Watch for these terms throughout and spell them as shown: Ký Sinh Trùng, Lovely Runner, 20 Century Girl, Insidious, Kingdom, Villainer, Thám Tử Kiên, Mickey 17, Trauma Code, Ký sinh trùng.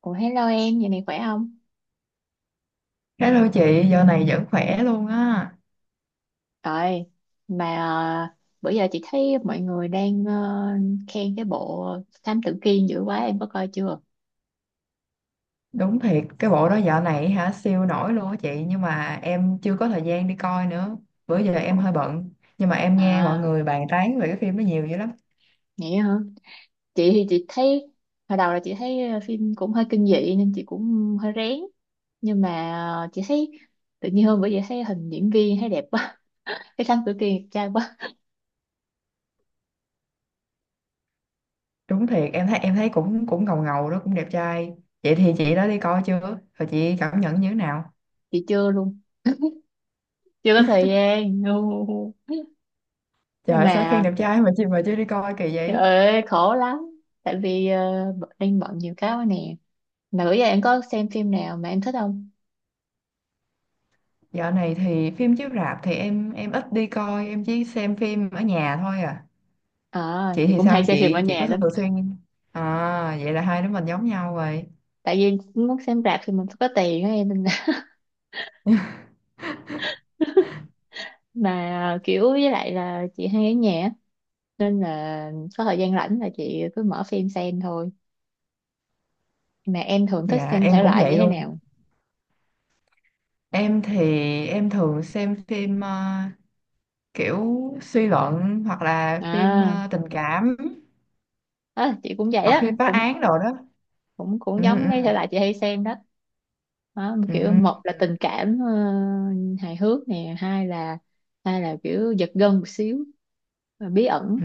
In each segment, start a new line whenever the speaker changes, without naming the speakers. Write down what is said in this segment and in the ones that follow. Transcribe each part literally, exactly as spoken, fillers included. Ủa, hello em, giờ này khỏe không?
Hello chị, dạo này vẫn khỏe luôn á.
Rồi, mà ờ, bữa giờ chị thấy mọi người đang ờ, khen cái bộ Thám Tử Kiên dữ quá, em có coi chưa?
Đúng thiệt, cái bộ đó dạo này hả siêu nổi luôn á chị, nhưng mà em chưa có thời gian đi coi nữa. Bữa giờ em
Ủa?
hơi bận, nhưng mà em nghe mọi
À,
người bàn tán về cái phim đó nhiều dữ lắm.
vậy hả? Chị thì chị thấy, hồi đầu là chị thấy phim cũng hơi kinh dị nên chị cũng hơi rén. Nhưng mà ờ, chị thấy, tự nhiên hôm bữa giờ thấy hình diễn viên thấy đẹp quá. Cái Thám Tử Kiên đẹp trai quá.
Đúng thiệt, em thấy em thấy cũng cũng ngầu ngầu đó, cũng đẹp trai. Vậy thì chị đã đi coi chưa? Rồi chị cảm nhận như thế nào?
Chị chưa luôn, chưa có thời gian.
Trời
Nhưng
ơi, sao khen
mà,
đẹp trai mà chị mà chưa đi coi kỳ
trời
vậy?
ơi, khổ lắm. Tại vì ờ, b- đang bận nhiều cái quá nè. Mà bữa giờ em có xem phim nào mà em thích không?
Dạo này thì phim chiếu rạp thì em em ít đi coi, em chỉ xem phim ở nhà thôi à.
À,
Chị
thì
thì
cũng hay
sao,
xem phim ở
chị chị
nhà
có thường
lắm.
xuyên? À, vậy là hai đứa mình giống nhau rồi.
Tại vì muốn xem rạp thì mình phải có tiền á em, nên là mà kiểu với lại là chị hay ở nhà á, nên là có thời gian rảnh là chị cứ mở phim xem thôi. Mà em thường thích
Dạ
xem
em
thể
cũng
loại như
vậy
thế
luôn.
nào?
Em thì em thường xem phim ờ, kiểu suy luận, hoặc là phim
À,
ờ, tình cảm,
á, chị cũng vậy
hoặc
đó,
phim phá
cũng
án đồ đó.
cũng cũng
Ừ,
giống
ừ,
mấy thể loại chị hay xem đó. Đó,
ừ,
kiểu một là tình cảm, ờ, hài hước nè, hai là hai là kiểu giật gân một xíu, bí ẩn.
ừ.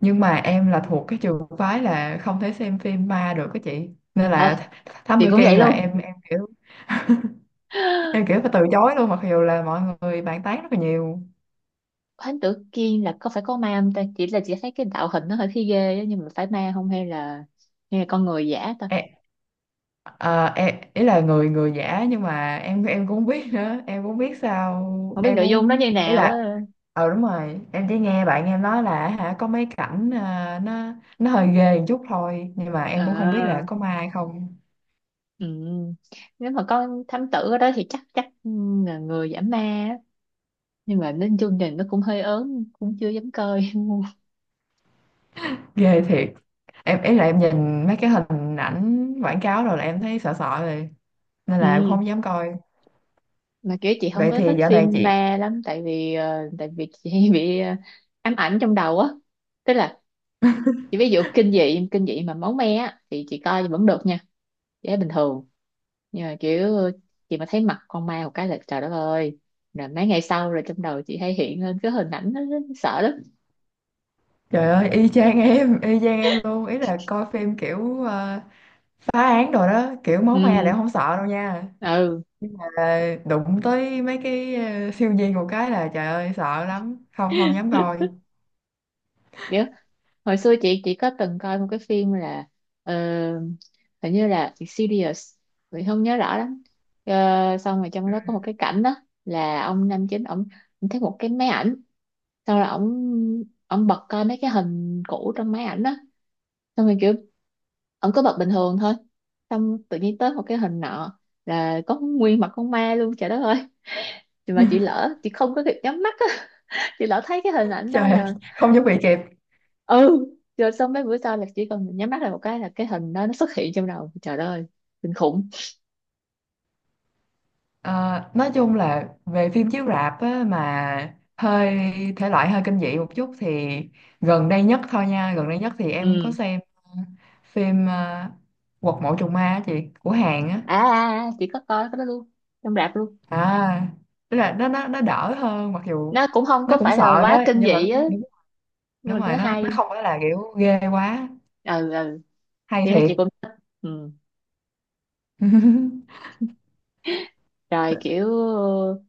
Nhưng mà em là thuộc cái trường phái là không thể xem phim ma được á chị, nên là th- Thám
Chị
Tử
cũng vậy
Kiên là
luôn.
em em kiểu, em kiểu phải từ chối luôn mặc dù là mọi người bàn tán rất là nhiều.
Thánh Tử Kiên là có phải có ma không ta? Chỉ là chị thấy cái tạo hình nó hơi thấy ghê á, nhưng mà phải ma không, hay là hay là con người giả ta?
Ê, à, em ý là người người giả, nhưng mà em em cũng không biết nữa, em cũng không biết sao,
Không biết
em
nội dung nó
cũng
như
ý
nào
là...
á.
ờ Đúng rồi, em chỉ nghe bạn em nói là hả có mấy cảnh à, nó nó hơi ghê một chút thôi, nhưng mà em cũng không biết là
À,
có ma hay không.
ừ. Nếu mà có thám tử ở đó thì chắc chắc, ừ, là người giả ma á. Nhưng mà đến chương trình nó cũng hơi ớn, cũng chưa dám coi.
Ghê thiệt. Em ý là em nhìn mấy cái hình ảnh quảng cáo rồi là em thấy sợ sợ rồi, nên là em
Ừ.
không dám coi.
Mà kiểu chị không
Vậy
có
thì
thích
dạo này
phim
chị...
ma lắm, tại vì ờ, tại vì chị hay bị, ờ, ám ảnh trong đầu á. Tức là chị ví dụ kinh dị kinh dị mà máu me á thì chị coi vẫn được nha, chị thấy bình thường. Nhưng mà kiểu chị mà thấy mặt con ma một cái là trời đất ơi, rồi mấy ngày sau rồi trong đầu chị hay hiện lên cái hình ảnh đó, sợ lắm.
Trời ơi, y chang em, y chang em luôn. Ý là coi phim kiểu ờ, phá án rồi đó, kiểu máu me
Ừ,
là em không sợ đâu nha.
ừ.
Ờ, Đụng tới mấy cái ờ, siêu nhiên một cái là trời ơi sợ lắm, không không dám coi.
Kiểu hồi xưa chị chị có từng coi một cái phim là, ờ, hình như là Insidious, mình không nhớ rõ lắm. Ờ, xong rồi trong đó có một cái cảnh đó, là ông nam chính ổng ổng thấy một cái máy ảnh. Xong rồi ổng ổng bật coi mấy cái hình cũ trong máy ảnh đó. Xong rồi kiểu ổng cứ bật bình thường thôi. Xong tự nhiên tới một cái hình nọ là có nguyên mặt con ma luôn, trời đất ơi. Thì mà chị lỡ, chị không có kịp nhắm mắt á. Chị lỡ thấy cái hình ảnh đó
Trời ơi,
là,
không chuẩn bị kịp.
ừ, rồi xong mấy bữa sau là chỉ cần nhắm mắt là một cái là cái hình đó nó xuất hiện trong đầu, trời đất ơi, kinh khủng.
Ờ, nói chung là về phim chiếu rạp á, mà hơi thể loại hơi kinh dị một chút thì gần đây nhất thôi nha, gần đây nhất thì em có
Ừ.
xem ờ, phim ờ, Quật mộ trùng ma á chị, của Hàn á.
À, à, à, chị có coi cái đó luôn, trong rạp luôn.
À, tức là nó nó nó đỡ hơn, mặc dù
Nó cũng không
nó
có
cũng
phải là
sợ
quá
đó,
kinh
nhưng mà
dị á,
nó...
nhưng
đúng
mà
rồi,
nó
nó nó
hay.
không phải là kiểu ghê quá.
Ừ, ừ,
Hay
thì nó
thiệt.
chị cũng thích. Ừ. Rồi kiểu, ờ,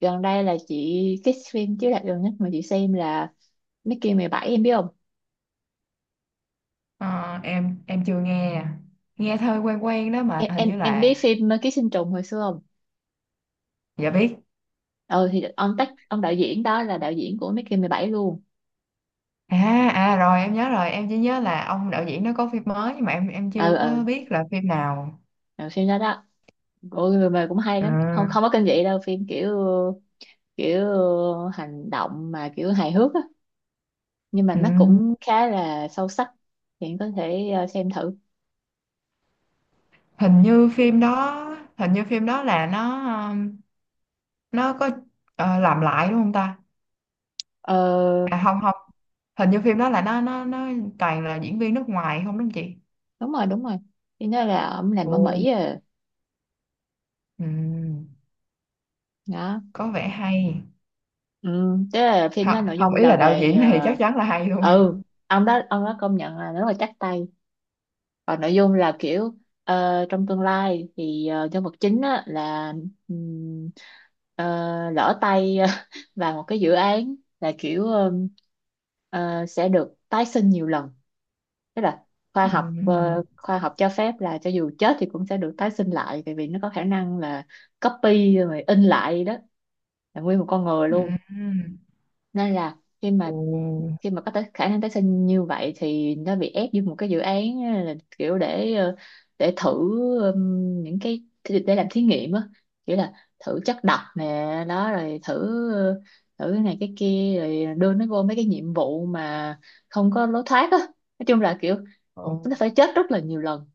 gần đây là chị, cái phim chiếu rạp gần nhất mà chị xem là Mickey mười bảy, em biết không?
Ờ, em em chưa nghe à. Nghe thôi quen quen đó, mà
Em
hình
em
như
em
là...
biết phim Ký Sinh Trùng hồi xưa không?
dạ biết.
Ừ thì ông tác ông đạo diễn đó là đạo diễn của Mickey mười bảy luôn.
À, à, rồi em nhớ rồi, em chỉ nhớ là ông đạo diễn nó có phim mới, nhưng mà em em
Ừ,
chưa có
ừ,
biết là phim nào.
ừ, phim đó đó. Ôi người mà cũng hay lắm.
À,
Không, không có kinh dị đâu, phim kiểu kiểu ờ, hành động mà kiểu hài hước á, nhưng mà
ừ.
nó cũng khá là sâu sắc. Thì em có thể, ờ, xem thử.
hình như phim đó Hình như phim đó là nó, um, nó có ờ, làm lại đúng không ta?
Ờ,
À, không, không. Hình như phim đó là nó nó nó toàn là diễn viên nước ngoài không, đúng không chị?
đúng rồi, đúng rồi. Thì nó là ông làm ở
Ồ.
Mỹ à.
Ừ.
Đó.
Có vẻ hay.
Ừ, tức là phim đó
Hả-
nội
không,
dung
ý
là
là đạo
về,
diễn thì
ờ,
chắc chắn là hay luôn.
ừ, ông đó ông đó công nhận là rất là chắc tay. Còn nội dung là kiểu, ờ, trong tương lai thì, ờ, nhân vật chính á, là, ừm, ờ, lỡ tay vào một cái dự án, là kiểu, ừm, ờ, sẽ được tái sinh nhiều lần. Tức là khoa học,
Ừm,
ờ, khoa học cho phép là cho dù chết thì cũng sẽ được tái sinh lại, tại vì nó có khả năng là copy rồi in lại đó, là nguyên một con người luôn.
ừm.
Nên là khi mà
Ồ,
khi mà có tới khả năng tái sinh như vậy, thì nó bị ép vô một cái dự án á, là kiểu để, ờ, để thử, ừm, những cái để làm thí nghiệm á, kiểu là thử chất độc nè, đó rồi thử, ờ, thử cái này cái kia, rồi đưa nó vô mấy cái nhiệm vụ mà không có lối thoát á. Nói chung là kiểu
ồ,
nó phải chết rất là nhiều lần,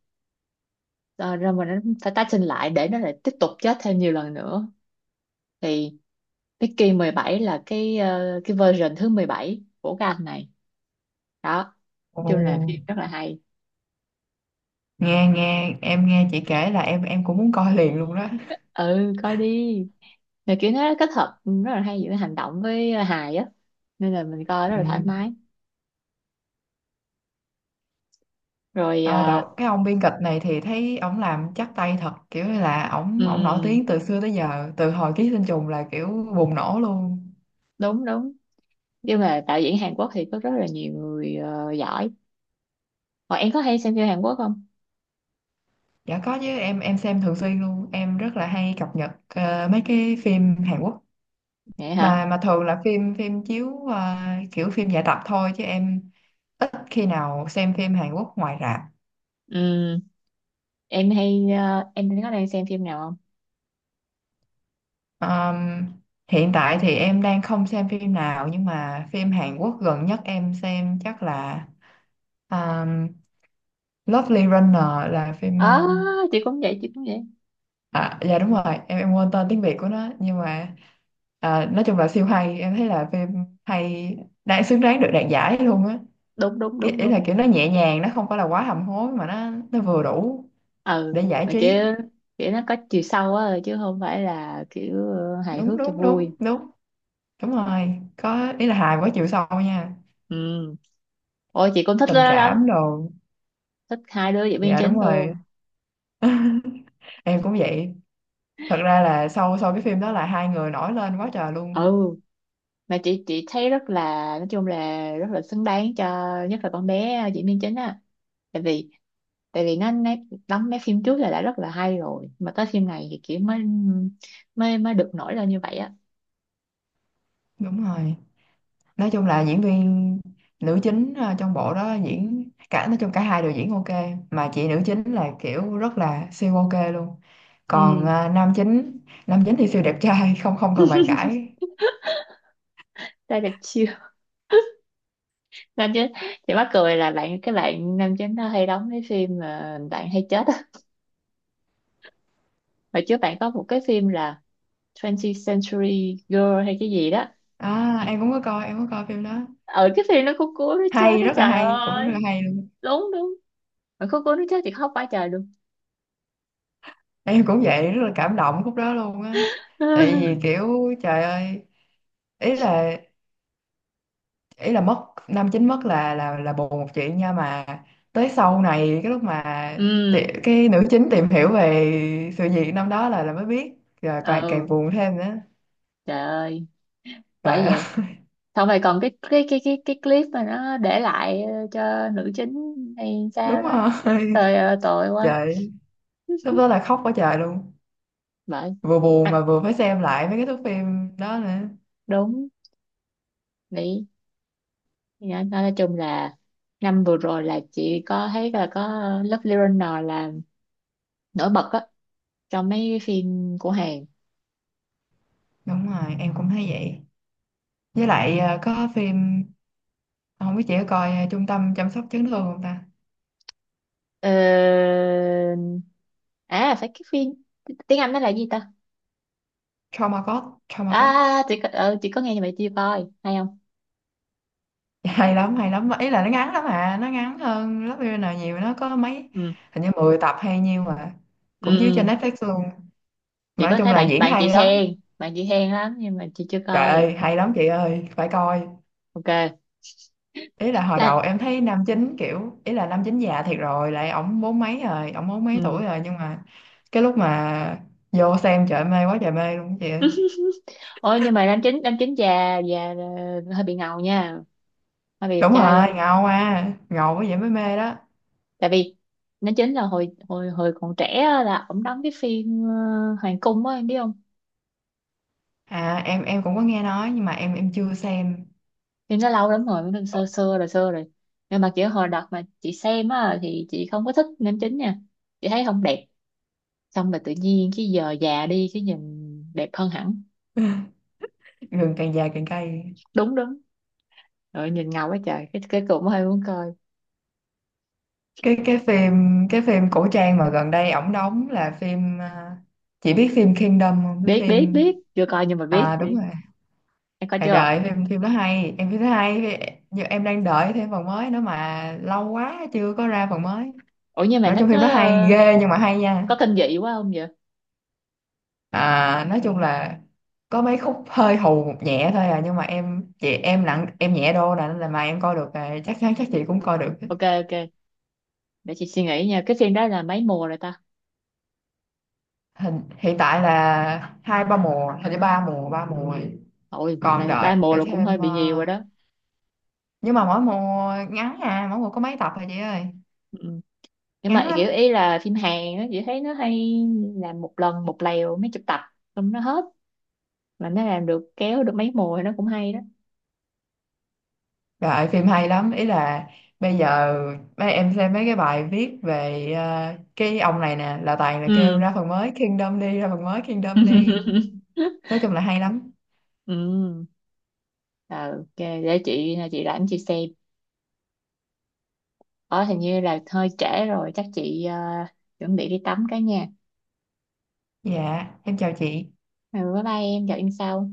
rồi, rồi mình nó phải tái sinh lại để nó lại tiếp tục chết thêm nhiều lần nữa, thì Mickey mười bảy là cái, ờ, cái version thứ mười bảy của cái anh này đó. Nói
ồ.
chung là phim rất là hay.
Nghe nghe em nghe chị kể là em em cũng muốn coi liền luôn đó.
Ừ, coi đi, là kiểu nó kết hợp rất là hay giữa hành động với hài á, nên là mình coi rất là thoải
Ừm.
mái. Rồi,
Ờ,
à,
đạo, cái ông biên kịch này thì thấy ổng làm chắc tay thật, kiểu như là ổng ổng nổi
ừm,
tiếng từ xưa tới giờ, từ hồi Ký Sinh Trùng là kiểu bùng nổ luôn.
đúng, đúng, nhưng mà đạo diễn Hàn Quốc thì có rất là nhiều người, ờ, giỏi. Còn em có hay xem phim Hàn Quốc không?
Dạ có chứ, em em xem thường xuyên luôn, em rất là hay cập nhật ờ, mấy cái phim Hàn Quốc.
Vậy hả?
Mà mà thường là phim phim chiếu à, kiểu phim giải tập thôi, chứ em ít khi nào xem phim Hàn Quốc ngoài rạp.
Ừm, em hay, ờ, em có đang xem phim nào không?
Ờm, Hiện tại thì em đang không xem phim nào, nhưng mà phim Hàn Quốc gần nhất em xem chắc là um, Lovely Runner, là phim
À,
um,
chị cũng vậy, chị cũng vậy.
à dạ đúng rồi, em em quên tên tiếng Việt của nó, nhưng mà à, nói chung là siêu hay. Em thấy là phim hay, đang xứng đáng được đạt giải luôn á.
Đúng, đúng,
Cái
đúng,
ý là
đúng.
kiểu nó nhẹ nhàng, nó không phải là quá hầm hố, mà nó nó vừa đủ
Ừ,
để giải
mà kiểu
trí.
kiểu nó có chiều sâu á, chứ không phải là kiểu, ờ, hài
Đúng
hước cho
đúng đúng
vui.
đúng. Đúng rồi, có ý là hài quá chiều sâu nha.
Ừ. Ôi, chị cũng thích
Tình
nó lắm,
cảm đồ.
thích hai đứa diễn viên
Dạ
chính
đúng rồi.
luôn.
Em cũng vậy. Thật ra là sau sau cái phim đó là hai người nổi lên quá trời
Ừ,
luôn.
mà chị chị thấy rất là, nói chung là rất là xứng đáng cho, nhất là con bé, ờ, diễn viên chính á. Tại vì tại vì nó, nó đóng mấy phim trước là đã rất là hay rồi, mà tới phim này thì kiểu mới mới mới được nổi lên như vậy á.
Đúng rồi, nói chung là diễn viên nữ chính ờ, trong bộ đó diễn, cả nói chung cả hai đều diễn ok, mà chị nữ chính là kiểu rất là siêu ok luôn. Còn
Ừ,
ờ, nam chính nam chính thì siêu đẹp trai, không không cần bàn cãi.
ra đẹp chiêu. Nam chính, chị mắc cười là bạn cái bạn nam chính nó hay đóng cái phim mà bạn hay chết á. Hồi trước bạn có một cái phim là hai mươi Century Girl hay cái gì đó,
À em cũng có coi em có coi phim đó.
ở cái phim nó cũng cuốn, nó chết
Hay,
đó,
rất là
trời
hay, cũng rất là
ơi.
hay luôn.
Đúng, đúng. Mà cuối, cuối nó chết thì khóc quá trời luôn.
Em cũng vậy, rất là cảm động khúc đó luôn á. Tại vì kiểu trời ơi, ý là ý là mất năm chín mất là là là buồn một chuyện nha, mà tới sau này cái lúc mà ti-
Ừ,
cái nữ chính tìm hiểu về sự việc năm đó là là mới biết, rồi càng càng
ừ.
buồn thêm nữa.
Trời ơi, bởi
Trời ơi.
vậy, xong rồi còn cái cái cái cái cái clip mà nó để lại, ờ, cho nữ chính hay sao
Đúng
đó.
rồi.
Trời ơi, tội quá.
Trời, lúc đó là khóc quá trời luôn,
Bởi.
vừa buồn mà
À,
vừa phải xem lại mấy cái thước phim đó nữa.
đúng. Nghĩ, nói nói chung là năm vừa rồi là chị có thấy là có Lovely Runner là nổi bật á trong mấy cái phim của Hàn.
Đúng rồi, em cũng thấy vậy. Với lại ờ, có phim không biết chị có coi ờ, trung tâm chăm sóc chấn thương không ta?
ờ... À, phải cái phim tiếng Anh nó là gì ta?
Trauma code, trauma code.
À, chị có, ừ, chị có nghe như vậy, chưa coi hay không.
Dạ, hay lắm, hay lắm. Ý là nó ngắn lắm à, nó ngắn hơn lớp Villainer nhiều, nó có mấy...
Ừ,
hình như mười tập hay nhiêu mà
ừ,
cũng chiếu trên
ừ.
Netflix luôn.
Chị
Mà nói
có
chung
thấy
là
bạn
diễn
bạn chị
hay lắm,
khen, bạn chị khen lắm, nhưng mà chị chưa
trời
coi.
ơi hay lắm chị ơi, phải coi.
Ok.
Ý là hồi
À,
đầu em thấy nam chính kiểu, ý là nam chính già thiệt rồi, lại ổng bốn mấy rồi, ổng bốn mấy
ừ.
tuổi rồi, nhưng mà cái lúc mà vô xem trời ơi, mê quá trời mê luôn chị ơi.
Ôi, nhưng mà nam chính nam chính già già, ờ, hơi bị ngầu nha, hơi bị đẹp
Đúng
trai
rồi,
luôn.
ngầu à, ngầu quá vậy mới mê đó.
Tại vì nam chính là hồi hồi hồi còn trẻ á, là ổng đóng cái phim, ờ, hoàng cung á, em biết không?
À em em cũng có nghe nói, nhưng mà em em chưa xem.
Phim nó lâu lắm rồi, nó xưa xưa rồi, xưa rồi. Nhưng mà kiểu hồi đợt mà chị xem á thì chị không có thích nam chính nha, chị thấy không đẹp. Xong rồi tự nhiên cái giờ già đi cái nhìn đẹp hơn hẳn.
Gừng càng già càng cay.
Đúng, đúng. Rồi nhìn ngầu quá trời, cái cái cũng hơi muốn coi.
cái cái phim cái phim cổ trang mà gần đây ổng đóng là phim à, chị biết phim Kingdom không,
Biết,
phim?
biết, biết, chưa coi nhưng mà biết,
À đúng
biết.
rồi.
Em coi
À trời
chưa?
ơi, phim phim đó hay em, phim đó hay Phim- nhưng em đang đợi thêm phần mới nữa mà lâu quá chưa có ra phần mới.
Ủa, nhưng mà
Nói
nó
chung
có,
phim đó hay
ờ,
ghê, nhưng mà hay nha.
có kinh dị quá không vậy?
À nói chung là có mấy khúc hơi hù một nhẹ thôi à, nhưng mà em chị em nặng em nhẹ đô là, nên là mà em coi được à, chắc chắn chắc chị cũng coi được.
Ok, ok, để chị suy nghĩ nha. Cái phim đó là mấy mùa rồi ta?
Hình, hiện tại là hai ba mùa, hình như ba mùa ba mùa rồi.
Ôi,
Còn
là ba
đợi
mùa rồi, cũng hơi
thêm
bị nhiều rồi
ờ,
đó.
nhưng mà mỗi mùa ngắn à, mỗi mùa có mấy tập thôi chị ơi,
Ừ. Nhưng
ngắn
mà
lắm.
kiểu ý là phim Hàn á, chị thấy nó hay, làm một lần một lèo mấy chục tập xong nó hết. Mà nó làm được, kéo được mấy mùa thì nó cũng hay đó.
Đợi phim hay lắm, ý là bây giờ mấy em xem mấy cái bài viết về ờ, cái ông này nè, là toàn là kêu
Ừ.
ra phần mới Kingdom đi, ra phần mới Kingdom đi. Nói chung là hay lắm.
Ừ. Ờ, ok, để chị, ờ, chị rảnh chị xem. Ở hình như là hơi trễ rồi, chắc chị, ờ, chuẩn bị đi tắm cái nha.
Dạ em chào chị.
Ừ, bye bye em, gặp em sau.